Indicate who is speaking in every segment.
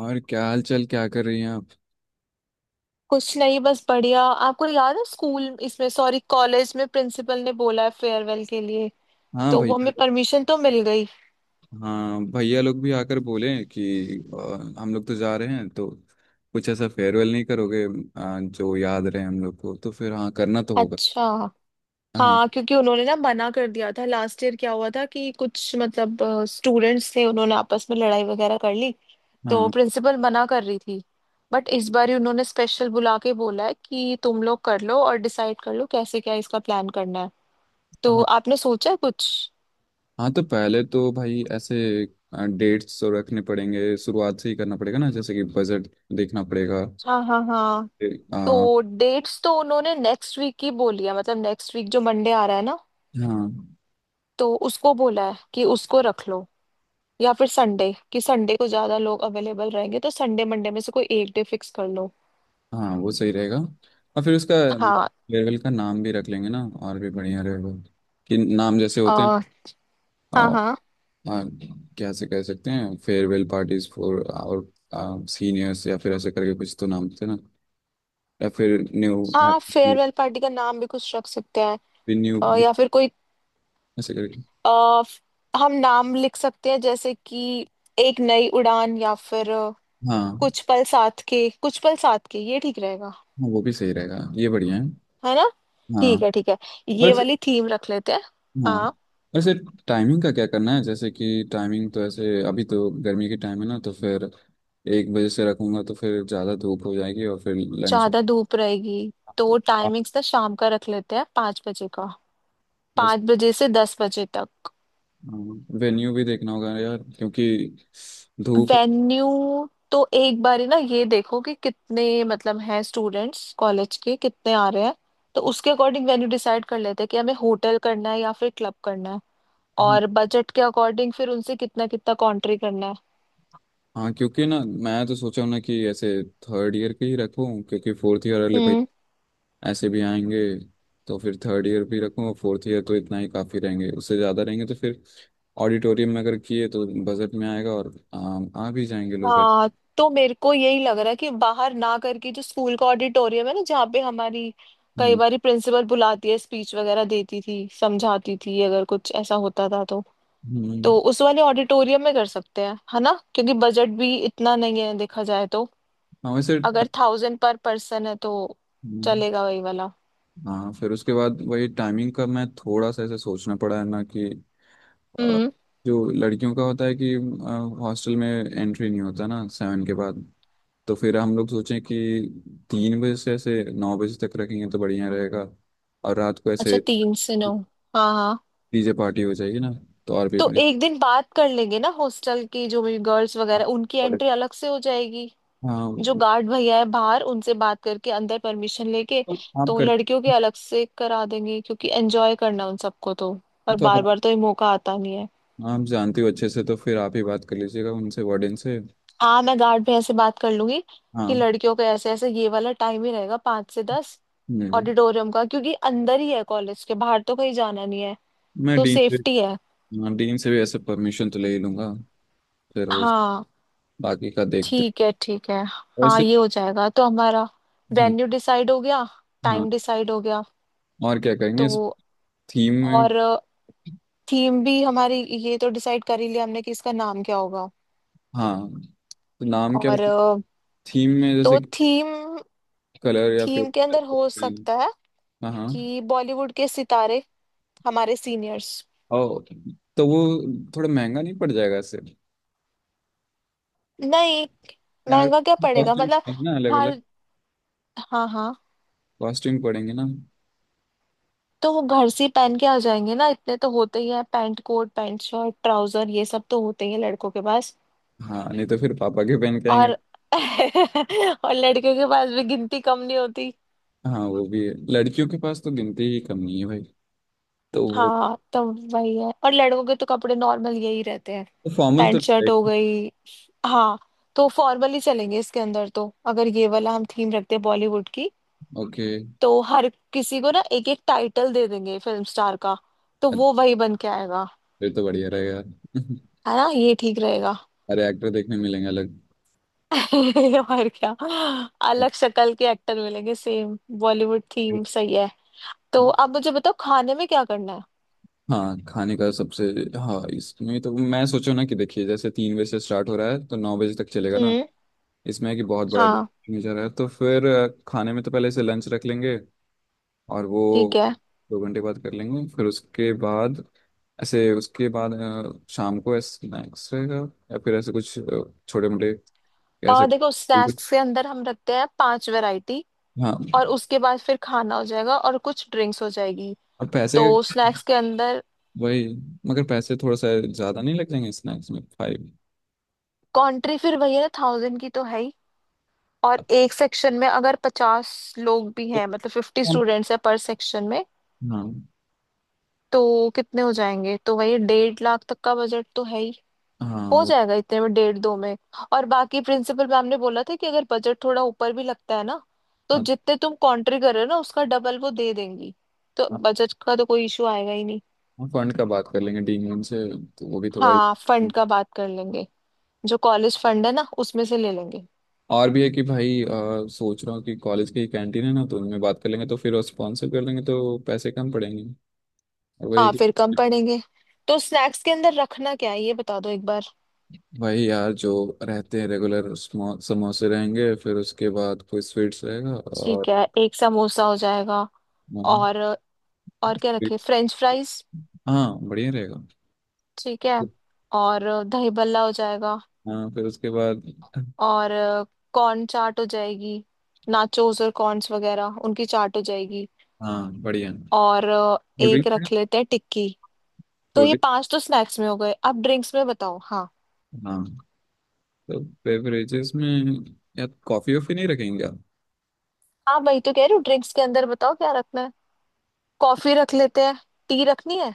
Speaker 1: और क्या हाल चाल क्या कर रही हैं आप?
Speaker 2: कुछ नहीं, बस बढ़िया। आपको याद है स्कूल, इसमें सॉरी कॉलेज में प्रिंसिपल ने बोला है फेयरवेल के लिए।
Speaker 1: हाँ,
Speaker 2: तो
Speaker 1: भाई।
Speaker 2: वो हमें परमिशन तो मिल गई।
Speaker 1: हाँ, भैया लोग भी आकर बोले कि हम लोग तो जा रहे हैं, तो कुछ ऐसा फेयरवेल नहीं करोगे जो याद रहे हम लोग को, तो फिर हाँ करना तो होगा।
Speaker 2: अच्छा।
Speaker 1: हाँ,
Speaker 2: हाँ, क्योंकि उन्होंने ना मना कर दिया था। लास्ट ईयर क्या हुआ था कि कुछ मतलब स्टूडेंट्स थे, उन्होंने आपस में लड़ाई वगैरह कर ली। तो
Speaker 1: हाँ,
Speaker 2: प्रिंसिपल मना कर रही थी। बट इस बार ही उन्होंने स्पेशल बुला के बोला है कि तुम लोग कर लो और डिसाइड कर लो कैसे क्या इसका प्लान करना है। तो
Speaker 1: हाँ।
Speaker 2: आपने सोचा है कुछ?
Speaker 1: हाँ, तो पहले तो भाई ऐसे डेट्स तो रखने पड़ेंगे, शुरुआत से ही करना पड़ेगा ना, जैसे कि बजट देखना पड़ेगा।
Speaker 2: हाँ हाँ हाँ।
Speaker 1: फिर।
Speaker 2: तो डेट्स तो उन्होंने नेक्स्ट वीक की बोली है, मतलब नेक्स्ट वीक जो मंडे आ रहा है ना,
Speaker 1: हाँ,
Speaker 2: तो उसको बोला है कि उसको रख लो। या फिर संडे, कि संडे को ज्यादा लोग अवेलेबल रहेंगे, तो संडे मंडे में से कोई एक डे फिक्स कर लो।
Speaker 1: हाँ, वो सही रहेगा और फिर उसका
Speaker 2: हाँ।
Speaker 1: फेयरवेल का नाम भी रख लेंगे ना, और भी बढ़िया रहेगा कि नाम जैसे होते
Speaker 2: अ,
Speaker 1: हैं।
Speaker 2: हाँ हाँ
Speaker 1: हाँ। कैसे कह सकते हैं, farewell parties for our seniors, या फिर ऐसे करके कुछ तो नाम थे ना। या फिर न्यू
Speaker 2: हाँ।
Speaker 1: हैप्पी
Speaker 2: फेयरवेल पार्टी का नाम भी कुछ रख सकते हैं।
Speaker 1: न्यू
Speaker 2: या फिर कोई,
Speaker 1: ऐसे करके।
Speaker 2: अ, हम नाम लिख सकते हैं, जैसे कि एक नई उड़ान, या फिर
Speaker 1: हाँ,
Speaker 2: कुछ पल साथ के, कुछ पल साथ के, ये ठीक रहेगा।
Speaker 1: हाँ, वो भी सही रहेगा, ये बढ़िया है।
Speaker 2: है ना?
Speaker 1: हाँ।
Speaker 2: ठीक है ठीक है,
Speaker 1: और
Speaker 2: ये
Speaker 1: ऐसे।
Speaker 2: वाली थीम रख लेते हैं।
Speaker 1: हाँ।
Speaker 2: हाँ।
Speaker 1: और ऐसे टाइमिंग का क्या करना है, जैसे कि टाइमिंग तो ऐसे अभी तो गर्मी की टाइम है ना, तो फिर 1 बजे से रखूंगा तो फिर ज़्यादा धूप हो जाएगी और फिर लंच।
Speaker 2: ज्यादा धूप रहेगी, तो टाइमिंग्स ना शाम का रख लेते हैं, 5 बजे का।
Speaker 1: और
Speaker 2: 5 बजे से 10 बजे तक।
Speaker 1: वेन्यू भी देखना होगा यार, क्योंकि धूप।
Speaker 2: वेन्यू तो एक बार ही ना ये देखो कि कितने मतलब हैं स्टूडेंट्स, कॉलेज के कितने आ रहे हैं। तो उसके अकॉर्डिंग वेन्यू डिसाइड कर लेते हैं कि हमें होटल करना है या फिर क्लब करना है। और बजट के अकॉर्डिंग फिर उनसे कितना कितना कॉन्ट्री करना
Speaker 1: हाँ, क्योंकि ना मैं तो सोचा हूँ ना कि ऐसे थर्ड ईयर के ही रखूँ, क्योंकि फोर्थ ईयर वाले भाई
Speaker 2: है।
Speaker 1: ऐसे भी आएंगे, तो फिर थर्ड ईयर भी रखूँ और फोर्थ ईयर तो इतना ही काफ़ी रहेंगे। उससे ज़्यादा रहेंगे तो फिर ऑडिटोरियम में अगर किए तो बजट में आएगा और आ भी जाएंगे लोग।
Speaker 2: हाँ। तो मेरे को यही लग रहा है कि बाहर ना करके जो स्कूल का ऑडिटोरियम है ना, जहाँ पे हमारी कई
Speaker 1: हम्म,
Speaker 2: बार प्रिंसिपल बुलाती है, स्पीच वगैरह देती थी, समझाती थी अगर कुछ ऐसा होता था तो
Speaker 1: हम्म।
Speaker 2: तो उस वाले ऑडिटोरियम में कर सकते हैं, है ना, क्योंकि बजट भी इतना नहीं है देखा जाए तो।
Speaker 1: हाँ, वैसे
Speaker 2: अगर थाउजेंड पर पर्सन है तो
Speaker 1: हम्म।
Speaker 2: चलेगा वही वाला।
Speaker 1: हाँ, फिर उसके बाद वही टाइमिंग का मैं थोड़ा सा ऐसे सोचना पड़ा है ना कि अ,
Speaker 2: हम्म।
Speaker 1: जो लड़कियों का होता है कि हॉस्टल में एंट्री नहीं होता ना 7 के बाद, तो फिर हम लोग सोचें कि 3 बजे से ऐसे 9 बजे तक रखेंगे तो बढ़िया रहेगा, और रात को ऐसे
Speaker 2: अच्छा, 3 से 9। हाँ हाँ।
Speaker 1: डीजे पार्टी हो जाएगी ना, तो और भी
Speaker 2: तो
Speaker 1: अपने
Speaker 2: एक दिन बात कर लेंगे ना हॉस्टल की, जो भी गर्ल्स वगैरह, उनकी
Speaker 1: और-
Speaker 2: एंट्री अलग से हो जाएगी।
Speaker 1: हाँ।
Speaker 2: जो गार्ड भैया है बाहर उनसे बात करके अंदर परमिशन लेके,
Speaker 1: तो आप
Speaker 2: तो
Speaker 1: कर।
Speaker 2: लड़कियों के अलग से करा देंगे, क्योंकि एंजॉय करना है उन सबको तो। और
Speaker 1: तो आप
Speaker 2: बार बार तो ये मौका आता नहीं है।
Speaker 1: आप जानते हो अच्छे से, तो फिर आप ही बात कर लीजिएगा उनसे, वार्डन से।
Speaker 2: हाँ, मैं गार्ड भैया से बात कर लूंगी कि
Speaker 1: हाँ।
Speaker 2: लड़कियों का ऐसे ऐसे ये वाला टाइम ही रहेगा, 5 से 10,
Speaker 1: हम्म।
Speaker 2: ऑडिटोरियम का, क्योंकि अंदर ही है कॉलेज के, बाहर तो कहीं जाना नहीं है,
Speaker 1: मैं
Speaker 2: तो
Speaker 1: डीन से।
Speaker 2: सेफ्टी है।
Speaker 1: हाँ, डीन से भी ऐसे परमिशन तो ले ही लूँगा। फिर उस
Speaker 2: हाँ,
Speaker 1: बाकी का देखते
Speaker 2: ठीक है ठीक है।
Speaker 1: हैं
Speaker 2: हाँ
Speaker 1: वैसे।
Speaker 2: ये हो जाएगा। तो हमारा
Speaker 1: हम्म।
Speaker 2: वेन्यू डिसाइड हो गया,
Speaker 1: हाँ,
Speaker 2: टाइम डिसाइड हो गया।
Speaker 1: और क्या करेंगे
Speaker 2: तो
Speaker 1: इस थीम में?
Speaker 2: और थीम भी हमारी, ये तो डिसाइड कर ही लिया हमने कि इसका नाम क्या होगा।
Speaker 1: हाँ, तो नाम क्या?
Speaker 2: और
Speaker 1: थीम में
Speaker 2: तो
Speaker 1: जैसे
Speaker 2: थीम,
Speaker 1: कलर या फिर
Speaker 2: थीम के अंदर हो
Speaker 1: पेन।
Speaker 2: सकता है
Speaker 1: हाँ, हाँ।
Speaker 2: कि बॉलीवुड के सितारे, हमारे सीनियर्स।
Speaker 1: ओ, तो वो थोड़ा महंगा नहीं पड़ जाएगा इससे?
Speaker 2: नहीं,
Speaker 1: यार
Speaker 2: महंगा क्या पड़ेगा,
Speaker 1: कॉस्ट्यूम
Speaker 2: मतलब।
Speaker 1: पड़ेंगे ना अलग
Speaker 2: हर
Speaker 1: अलग।
Speaker 2: हाँ हाँ।
Speaker 1: कॉस्ट्यूम पड़ेंगे ना।
Speaker 2: तो वो घर से ही पहन के आ जाएंगे ना, इतने तो होते ही हैं, pant coat, pant shirt, trouser, ये सब तो होते ही हैं लड़कों के पास।
Speaker 1: हाँ, नहीं तो फिर पापा के पहन के
Speaker 2: और
Speaker 1: आएंगे।
Speaker 2: और लड़कियों के पास भी गिनती कम नहीं होती।
Speaker 1: हाँ, वो भी है, लड़कियों के पास तो गिनती ही कम नहीं है भाई। तो वो।
Speaker 2: हाँ, तो वही है, और लड़कों के तो कपड़े नॉर्मल यही रहते हैं,
Speaker 1: तो फॉर्मल तो
Speaker 2: पैंट शर्ट हो
Speaker 1: रहेगा।
Speaker 2: गई। हाँ। तो फॉर्मल ही चलेंगे इसके अंदर तो, अगर ये वाला हम थीम रखते हैं बॉलीवुड की।
Speaker 1: ओके।
Speaker 2: तो हर किसी को ना एक एक टाइटल दे देंगे फिल्म स्टार का, तो वो वही बन के आएगा।
Speaker 1: फिर तो बढ़िया रहेगा।
Speaker 2: है ना, ये ठीक रहेगा।
Speaker 1: अरे, एक्टर देखने मिलेंगे अलग।
Speaker 2: और क्या, अलग शक्ल के एक्टर मिलेंगे, सेम बॉलीवुड थीम सही है। तो अब मुझे बताओ खाने में क्या करना है।
Speaker 1: हाँ, खाने का सबसे। हाँ, इसमें तो मैं सोचो ना कि देखिए जैसे 3 बजे से स्टार्ट हो रहा है तो 9 बजे तक चलेगा ना।
Speaker 2: हम्म।
Speaker 1: इसमें है कि बहुत बड़ा
Speaker 2: हाँ
Speaker 1: नेचर है, तो फिर खाने में तो पहले से लंच रख लेंगे और
Speaker 2: ठीक
Speaker 1: वो
Speaker 2: है।
Speaker 1: 2 घंटे बाद कर लेंगे, फिर उसके बाद ऐसे उसके बाद शाम को स्नैक्स रहेगा या फिर ऐसे कुछ छोटे मोटे। ऐसे।
Speaker 2: और देखो, स्नैक्स के अंदर हम रखते हैं पांच वैरायटी,
Speaker 1: हाँ,
Speaker 2: और उसके बाद फिर खाना हो जाएगा और कुछ ड्रिंक्स हो जाएगी।
Speaker 1: और पैसे
Speaker 2: तो स्नैक्स के अंदर
Speaker 1: वही, मगर पैसे थोड़ा सा ज़्यादा नहीं लग जाएंगे स्नैक्स में 5?
Speaker 2: कंट्री फिर वही है ना, थाउजेंड की तो है ही। और एक सेक्शन में अगर 50 लोग भी
Speaker 1: तो।
Speaker 2: हैं, मतलब 50
Speaker 1: हाँ,
Speaker 2: स्टूडेंट्स है पर सेक्शन में,
Speaker 1: हाँ,
Speaker 2: तो कितने हो जाएंगे? तो वही 1.5 लाख तक का बजट तो है ही। हो
Speaker 1: वो।
Speaker 2: जाएगा इतने में, डेढ़ दो में। और बाकी प्रिंसिपल मैम ने बोला था कि अगर बजट थोड़ा ऊपर भी लगता है ना, तो
Speaker 1: हाँ,
Speaker 2: जितने तुम कंट्री कर रहे हो ना, उसका डबल वो दे देंगी। तो
Speaker 1: हाँ,
Speaker 2: बजट का तो कोई इशू आएगा ही नहीं।
Speaker 1: फंड का बात कर लेंगे डीन से, तो वो भी थोड़ा।
Speaker 2: हाँ, फंड का बात कर लेंगे, जो कॉलेज फंड है ना उसमें से ले लेंगे।
Speaker 1: और भी है कि भाई सोच रहा हूँ कि कॉलेज की कैंटीन है ना, तो उनमें बात कर लेंगे तो फिर वो स्पॉन्सर कर लेंगे, तो पैसे कम पड़ेंगे और वही।
Speaker 2: हाँ, फिर कम पड़ेंगे। तो स्नैक्स के अंदर रखना क्या है, ये बता दो एक बार।
Speaker 1: भाई यार जो रहते हैं रेगुलर समोसे रहेंगे, फिर उसके बाद कोई स्वीट्स रहेगा
Speaker 2: ठीक
Speaker 1: और
Speaker 2: है, एक समोसा हो जाएगा।
Speaker 1: हाँ।
Speaker 2: और और क्या रखे,
Speaker 1: sweets-
Speaker 2: फ्रेंच फ्राइज?
Speaker 1: हाँ, बढ़िया रहेगा।
Speaker 2: ठीक है। और दही भल्ला हो जाएगा।
Speaker 1: हाँ, फिर उसके बाद।
Speaker 2: और कॉर्न चाट हो जाएगी, नाचोस और कॉर्न्स वगैरह उनकी चाट हो जाएगी।
Speaker 1: हाँ, बढ़िया।
Speaker 2: और
Speaker 1: कोल्ड
Speaker 2: एक
Speaker 1: ड्रिंक।
Speaker 2: रख लेते हैं टिक्की। तो
Speaker 1: कोल्ड
Speaker 2: ये
Speaker 1: ड्रिंक।
Speaker 2: पांच तो स्नैक्स में हो गए, अब ड्रिंक्स में बताओ। हाँ।
Speaker 1: हाँ, तो बेवरेजेस में यार कॉफ़ी वॉफ़ी नहीं रखेंगे?
Speaker 2: हाँ, वही तो कह रही हूँ, ड्रिंक्स के अंदर बताओ क्या रखना है। कॉफी रख लेते हैं। टी रखनी है?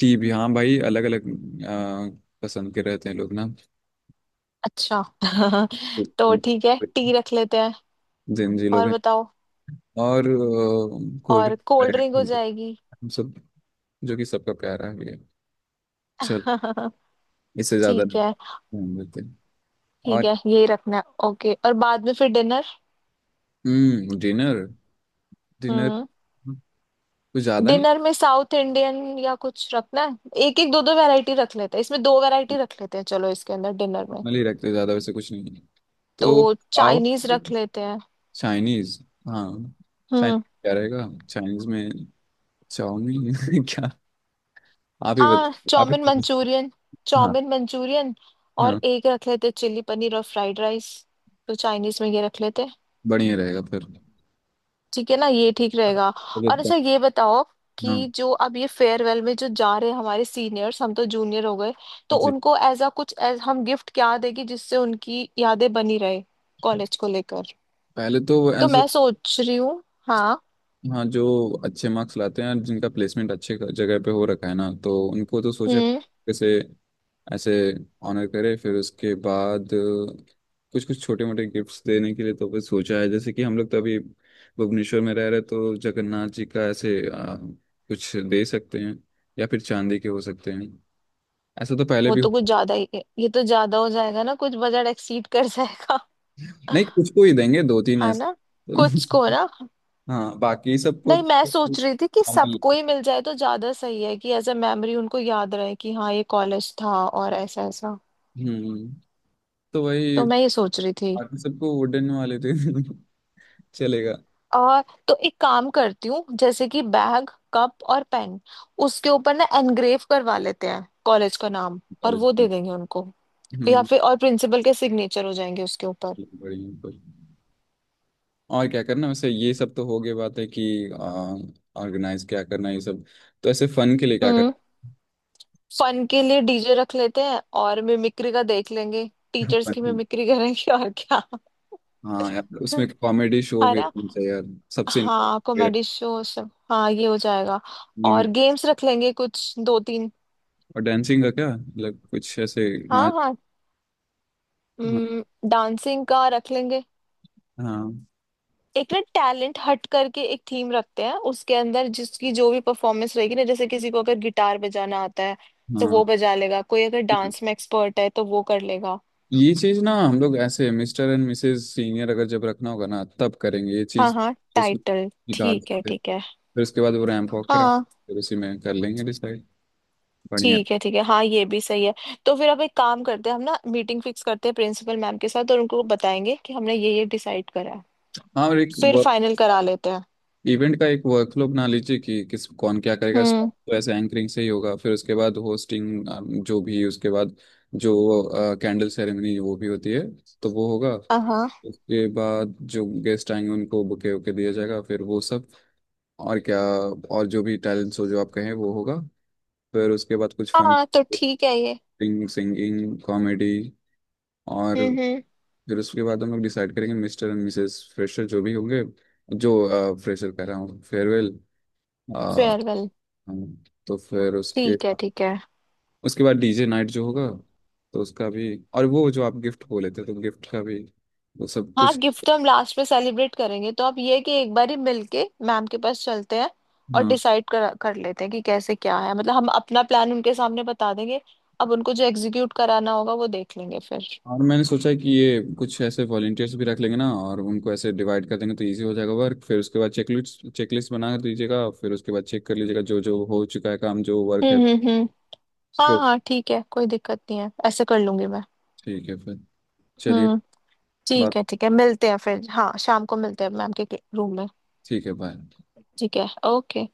Speaker 1: टी भी, हाँ भाई, अलग अलग पसंद के रहते हैं लोग ना,
Speaker 2: अच्छा तो
Speaker 1: जिन
Speaker 2: ठीक है, टी रख लेते हैं,
Speaker 1: जी लोग
Speaker 2: और
Speaker 1: हैं।
Speaker 2: बताओ।
Speaker 1: और कोल्ड
Speaker 2: और कोल्ड ड्रिंक हो
Speaker 1: ड्रिंक
Speaker 2: जाएगी।
Speaker 1: हम सब, जो कि सबका प्यारा है। चल, इससे ज्यादा
Speaker 2: ठीक
Speaker 1: नहीं
Speaker 2: है
Speaker 1: हम लेते हैं।
Speaker 2: ठीक
Speaker 1: और
Speaker 2: है, यही रखना है, ओके। और बाद में फिर डिनर।
Speaker 1: डिनर। डिनर
Speaker 2: हम्म।
Speaker 1: कुछ ज्यादा नहीं,
Speaker 2: डिनर में साउथ इंडियन या कुछ रखना है, एक एक दो दो वैरायटी रख लेते हैं इसमें, दो वैरायटी रख लेते हैं चलो इसके अंदर डिनर में।
Speaker 1: नॉर्मली रखते हैं, ज्यादा वैसे कुछ नहीं है, तो
Speaker 2: तो
Speaker 1: पाव
Speaker 2: चाइनीज रख लेते हैं।
Speaker 1: चाइनीज। हाँ, चाइनीज
Speaker 2: हम्म।
Speaker 1: क्या रहेगा चाइनीज में? चाउमीन क्या? आप ही बत
Speaker 2: हाँ,
Speaker 1: आप ही
Speaker 2: चाउमिन
Speaker 1: बता-
Speaker 2: मंचूरियन,
Speaker 1: हाँ,
Speaker 2: चाउमिन मंचूरियन। और
Speaker 1: हाँ,
Speaker 2: एक रख लेते हैं चिल्ली पनीर और फ्राइड राइस। तो चाइनीज में ये रख लेते हैं।
Speaker 1: बढ़िया रहेगा फिर।
Speaker 2: ठीक है ना, ये ठीक रहेगा। और अच्छा ये बताओ
Speaker 1: हाँ
Speaker 2: कि जो अब ये फेयरवेल में जो जा रहे हैं हमारे सीनियर्स, हम तो जूनियर हो गए, तो
Speaker 1: जी,
Speaker 2: उनको एज अ कुछ as हम गिफ्ट क्या देगी जिससे उनकी यादें बनी रहे कॉलेज को लेकर।
Speaker 1: पहले तो
Speaker 2: तो
Speaker 1: ऐसे।
Speaker 2: मैं सोच रही हूँ, हाँ।
Speaker 1: हाँ, जो अच्छे मार्क्स लाते हैं और जिनका प्लेसमेंट अच्छे जगह पे हो रखा है ना, तो उनको तो सोचा
Speaker 2: हम्म।
Speaker 1: कैसे ऐसे ऑनर करे, फिर उसके बाद कुछ कुछ छोटे मोटे गिफ्ट्स देने के लिए तो फिर सोचा है जैसे कि हम लोग तो अभी भुवनेश्वर में रह रहे, तो जगन्नाथ जी का ऐसे कुछ दे सकते हैं, या फिर चांदी के हो सकते हैं, ऐसा तो पहले
Speaker 2: वो
Speaker 1: भी
Speaker 2: तो कुछ
Speaker 1: हुआ।
Speaker 2: ज्यादा ही है, ये तो ज्यादा हो जाएगा ना, कुछ बजट एक्सीड कर जाएगा।
Speaker 1: नहीं, कुछ को ही देंगे, दो तीन
Speaker 2: हाँ
Speaker 1: ऐसे।
Speaker 2: ना। कुछ को
Speaker 1: तो,
Speaker 2: ना।
Speaker 1: हाँ, बाकी सबको
Speaker 2: नहीं, मैं सोच रही थी कि
Speaker 1: नॉर्मल।
Speaker 2: सबको ही मिल जाए तो ज्यादा सही है, कि एज अ मेमोरी उनको याद रहे कि हाँ, ये कॉलेज था और ऐसा ऐसा।
Speaker 1: हम्म तो वही
Speaker 2: तो मैं ये सोच रही थी।
Speaker 1: बाकी सबको वुडन वाले थे चलेगा।
Speaker 2: आ, तो एक काम करती हूँ, जैसे कि बैग, कप और पेन, उसके ऊपर ना एनग्रेव करवा लेते हैं कॉलेज का नाम, और
Speaker 1: कॉलेज
Speaker 2: वो
Speaker 1: में।
Speaker 2: दे देंगे उनको। या
Speaker 1: हम्म
Speaker 2: फिर और प्रिंसिपल के सिग्नेचर हो जाएंगे उसके ऊपर।
Speaker 1: बढ़िया, पर। और क्या करना वैसे? ये सब तो हो गई बात है कि ऑर्गेनाइज क्या करना है, ये सब। तो ऐसे फन के लिए क्या करना?
Speaker 2: हम्म। फन के लिए डीजे रख लेते हैं, और मिमिक्री का देख लेंगे, टीचर्स की
Speaker 1: Fun।
Speaker 2: मिमिक्री करेंगे, और क्या
Speaker 1: हाँ यार, उसमें कॉमेडी शो
Speaker 2: है
Speaker 1: भी
Speaker 2: ना।
Speaker 1: होना चाहिए यार, सबसे important
Speaker 2: हाँ,
Speaker 1: मेरा।
Speaker 2: कॉमेडी शो सब, हाँ ये हो जाएगा।
Speaker 1: हम्म,
Speaker 2: और गेम्स रख लेंगे कुछ दो तीन।
Speaker 1: और डांसिंग का क्या? मतलब कुछ ऐसे
Speaker 2: हाँ
Speaker 1: नाच।
Speaker 2: हाँ।
Speaker 1: हाँ,
Speaker 2: हम्म, डांसिंग का रख लेंगे।
Speaker 1: हाँ,
Speaker 2: एक ना टैलेंट हट करके एक थीम रखते हैं उसके अंदर, जिसकी जो भी परफॉर्मेंस रहेगी ना, जैसे किसी को अगर गिटार बजाना आता है तो
Speaker 1: हाँ।
Speaker 2: वो बजा लेगा, कोई अगर डांस में एक्सपर्ट है तो वो कर लेगा।
Speaker 1: ये चीज ना हम लोग ऐसे मिस्टर एंड मिसेस सीनियर अगर जब रखना होगा ना तब करेंगे ये
Speaker 2: हाँ
Speaker 1: चीज,
Speaker 2: हाँ,
Speaker 1: इसमें
Speaker 2: टाइटल
Speaker 1: निकाल
Speaker 2: ठीक है
Speaker 1: सकते,
Speaker 2: ठीक है।
Speaker 1: फिर उसके बाद वो रैंप वॉक करा,
Speaker 2: हाँ,
Speaker 1: फिर उसी में कर लेंगे डिसाइड। बढ़िया।
Speaker 2: ठीक है ठीक है, हाँ ये भी सही है। तो फिर अब एक काम करते हैं हम ना, मीटिंग फिक्स करते हैं प्रिंसिपल मैम के साथ, और उनको बताएंगे कि हमने ये डिसाइड करा है,
Speaker 1: हाँ, और एक
Speaker 2: फिर
Speaker 1: वर्क,
Speaker 2: फाइनल करा लेते हैं।
Speaker 1: इवेंट का एक वर्कफ्लो बना लीजिए कि किस कौन क्या करेगा।
Speaker 2: हम्म।
Speaker 1: स्टार्ट तो ऐसे एंकरिंग से ही होगा, फिर उसके बाद होस्टिंग, जो भी। उसके बाद जो कैंडल सेरेमनी वो भी होती है, तो वो होगा।
Speaker 2: हाँ हाँ
Speaker 1: उसके बाद जो गेस्ट आएंगे उनको बुके वुके दिया जाएगा, फिर वो सब और क्या, और जो भी टैलेंट्स हो जो आप कहें वो होगा। फिर उसके बाद कुछ फन,
Speaker 2: हाँ, तो ठीक है ये।
Speaker 1: सिंगिंग, कॉमेडी और
Speaker 2: हम्म।
Speaker 1: फिर उसके बाद हम लोग डिसाइड करेंगे मिस्टर एंड मिसेस फ्रेशर जो भी होंगे। जो फ्रेशर कह रहा हूँ, फेयरवेल।
Speaker 2: फेयरवेल।
Speaker 1: तो फिर उसके
Speaker 2: ठीक है ठीक है।
Speaker 1: उसके बाद डीजे नाइट जो होगा, तो उसका भी, और वो जो आप गिफ्ट बोले थे तो गिफ्ट का भी, वो सब
Speaker 2: हाँ,
Speaker 1: कुछ।
Speaker 2: गिफ्ट तो हम लास्ट में सेलिब्रेट करेंगे, तो आप ये है कि एक बार ही मिलके मैम के पास चलते हैं और
Speaker 1: हाँ,
Speaker 2: डिसाइड कर कर लेते हैं कि कैसे क्या है, मतलब हम अपना प्लान उनके सामने बता देंगे। अब उनको जो एग्जीक्यूट कराना होगा वो देख लेंगे फिर।
Speaker 1: और मैंने सोचा है कि ये कुछ ऐसे वॉलेंटियर्स भी रख लेंगे ना, और उनको ऐसे डिवाइड कर देंगे तो इजी हो जाएगा वर्क, फिर उसके बाद चेकलिस्ट चेकलिस्ट बना दीजिएगा, फिर उसके बाद चेक कर लीजिएगा जो जो हो चुका है काम, जो वर्क है।
Speaker 2: हम्म। हाँ
Speaker 1: प्रो।
Speaker 2: हाँ, ठीक है, कोई दिक्कत नहीं है, ऐसे कर लूंगी मैं।
Speaker 1: ठीक है, फिर चलिए
Speaker 2: हम्म। ठीक
Speaker 1: बात।
Speaker 2: है ठीक है, मिलते हैं फिर, हाँ शाम को मिलते हैं मैम के रूम में।
Speaker 1: ठीक है, बाय।
Speaker 2: ठीक है, ओके।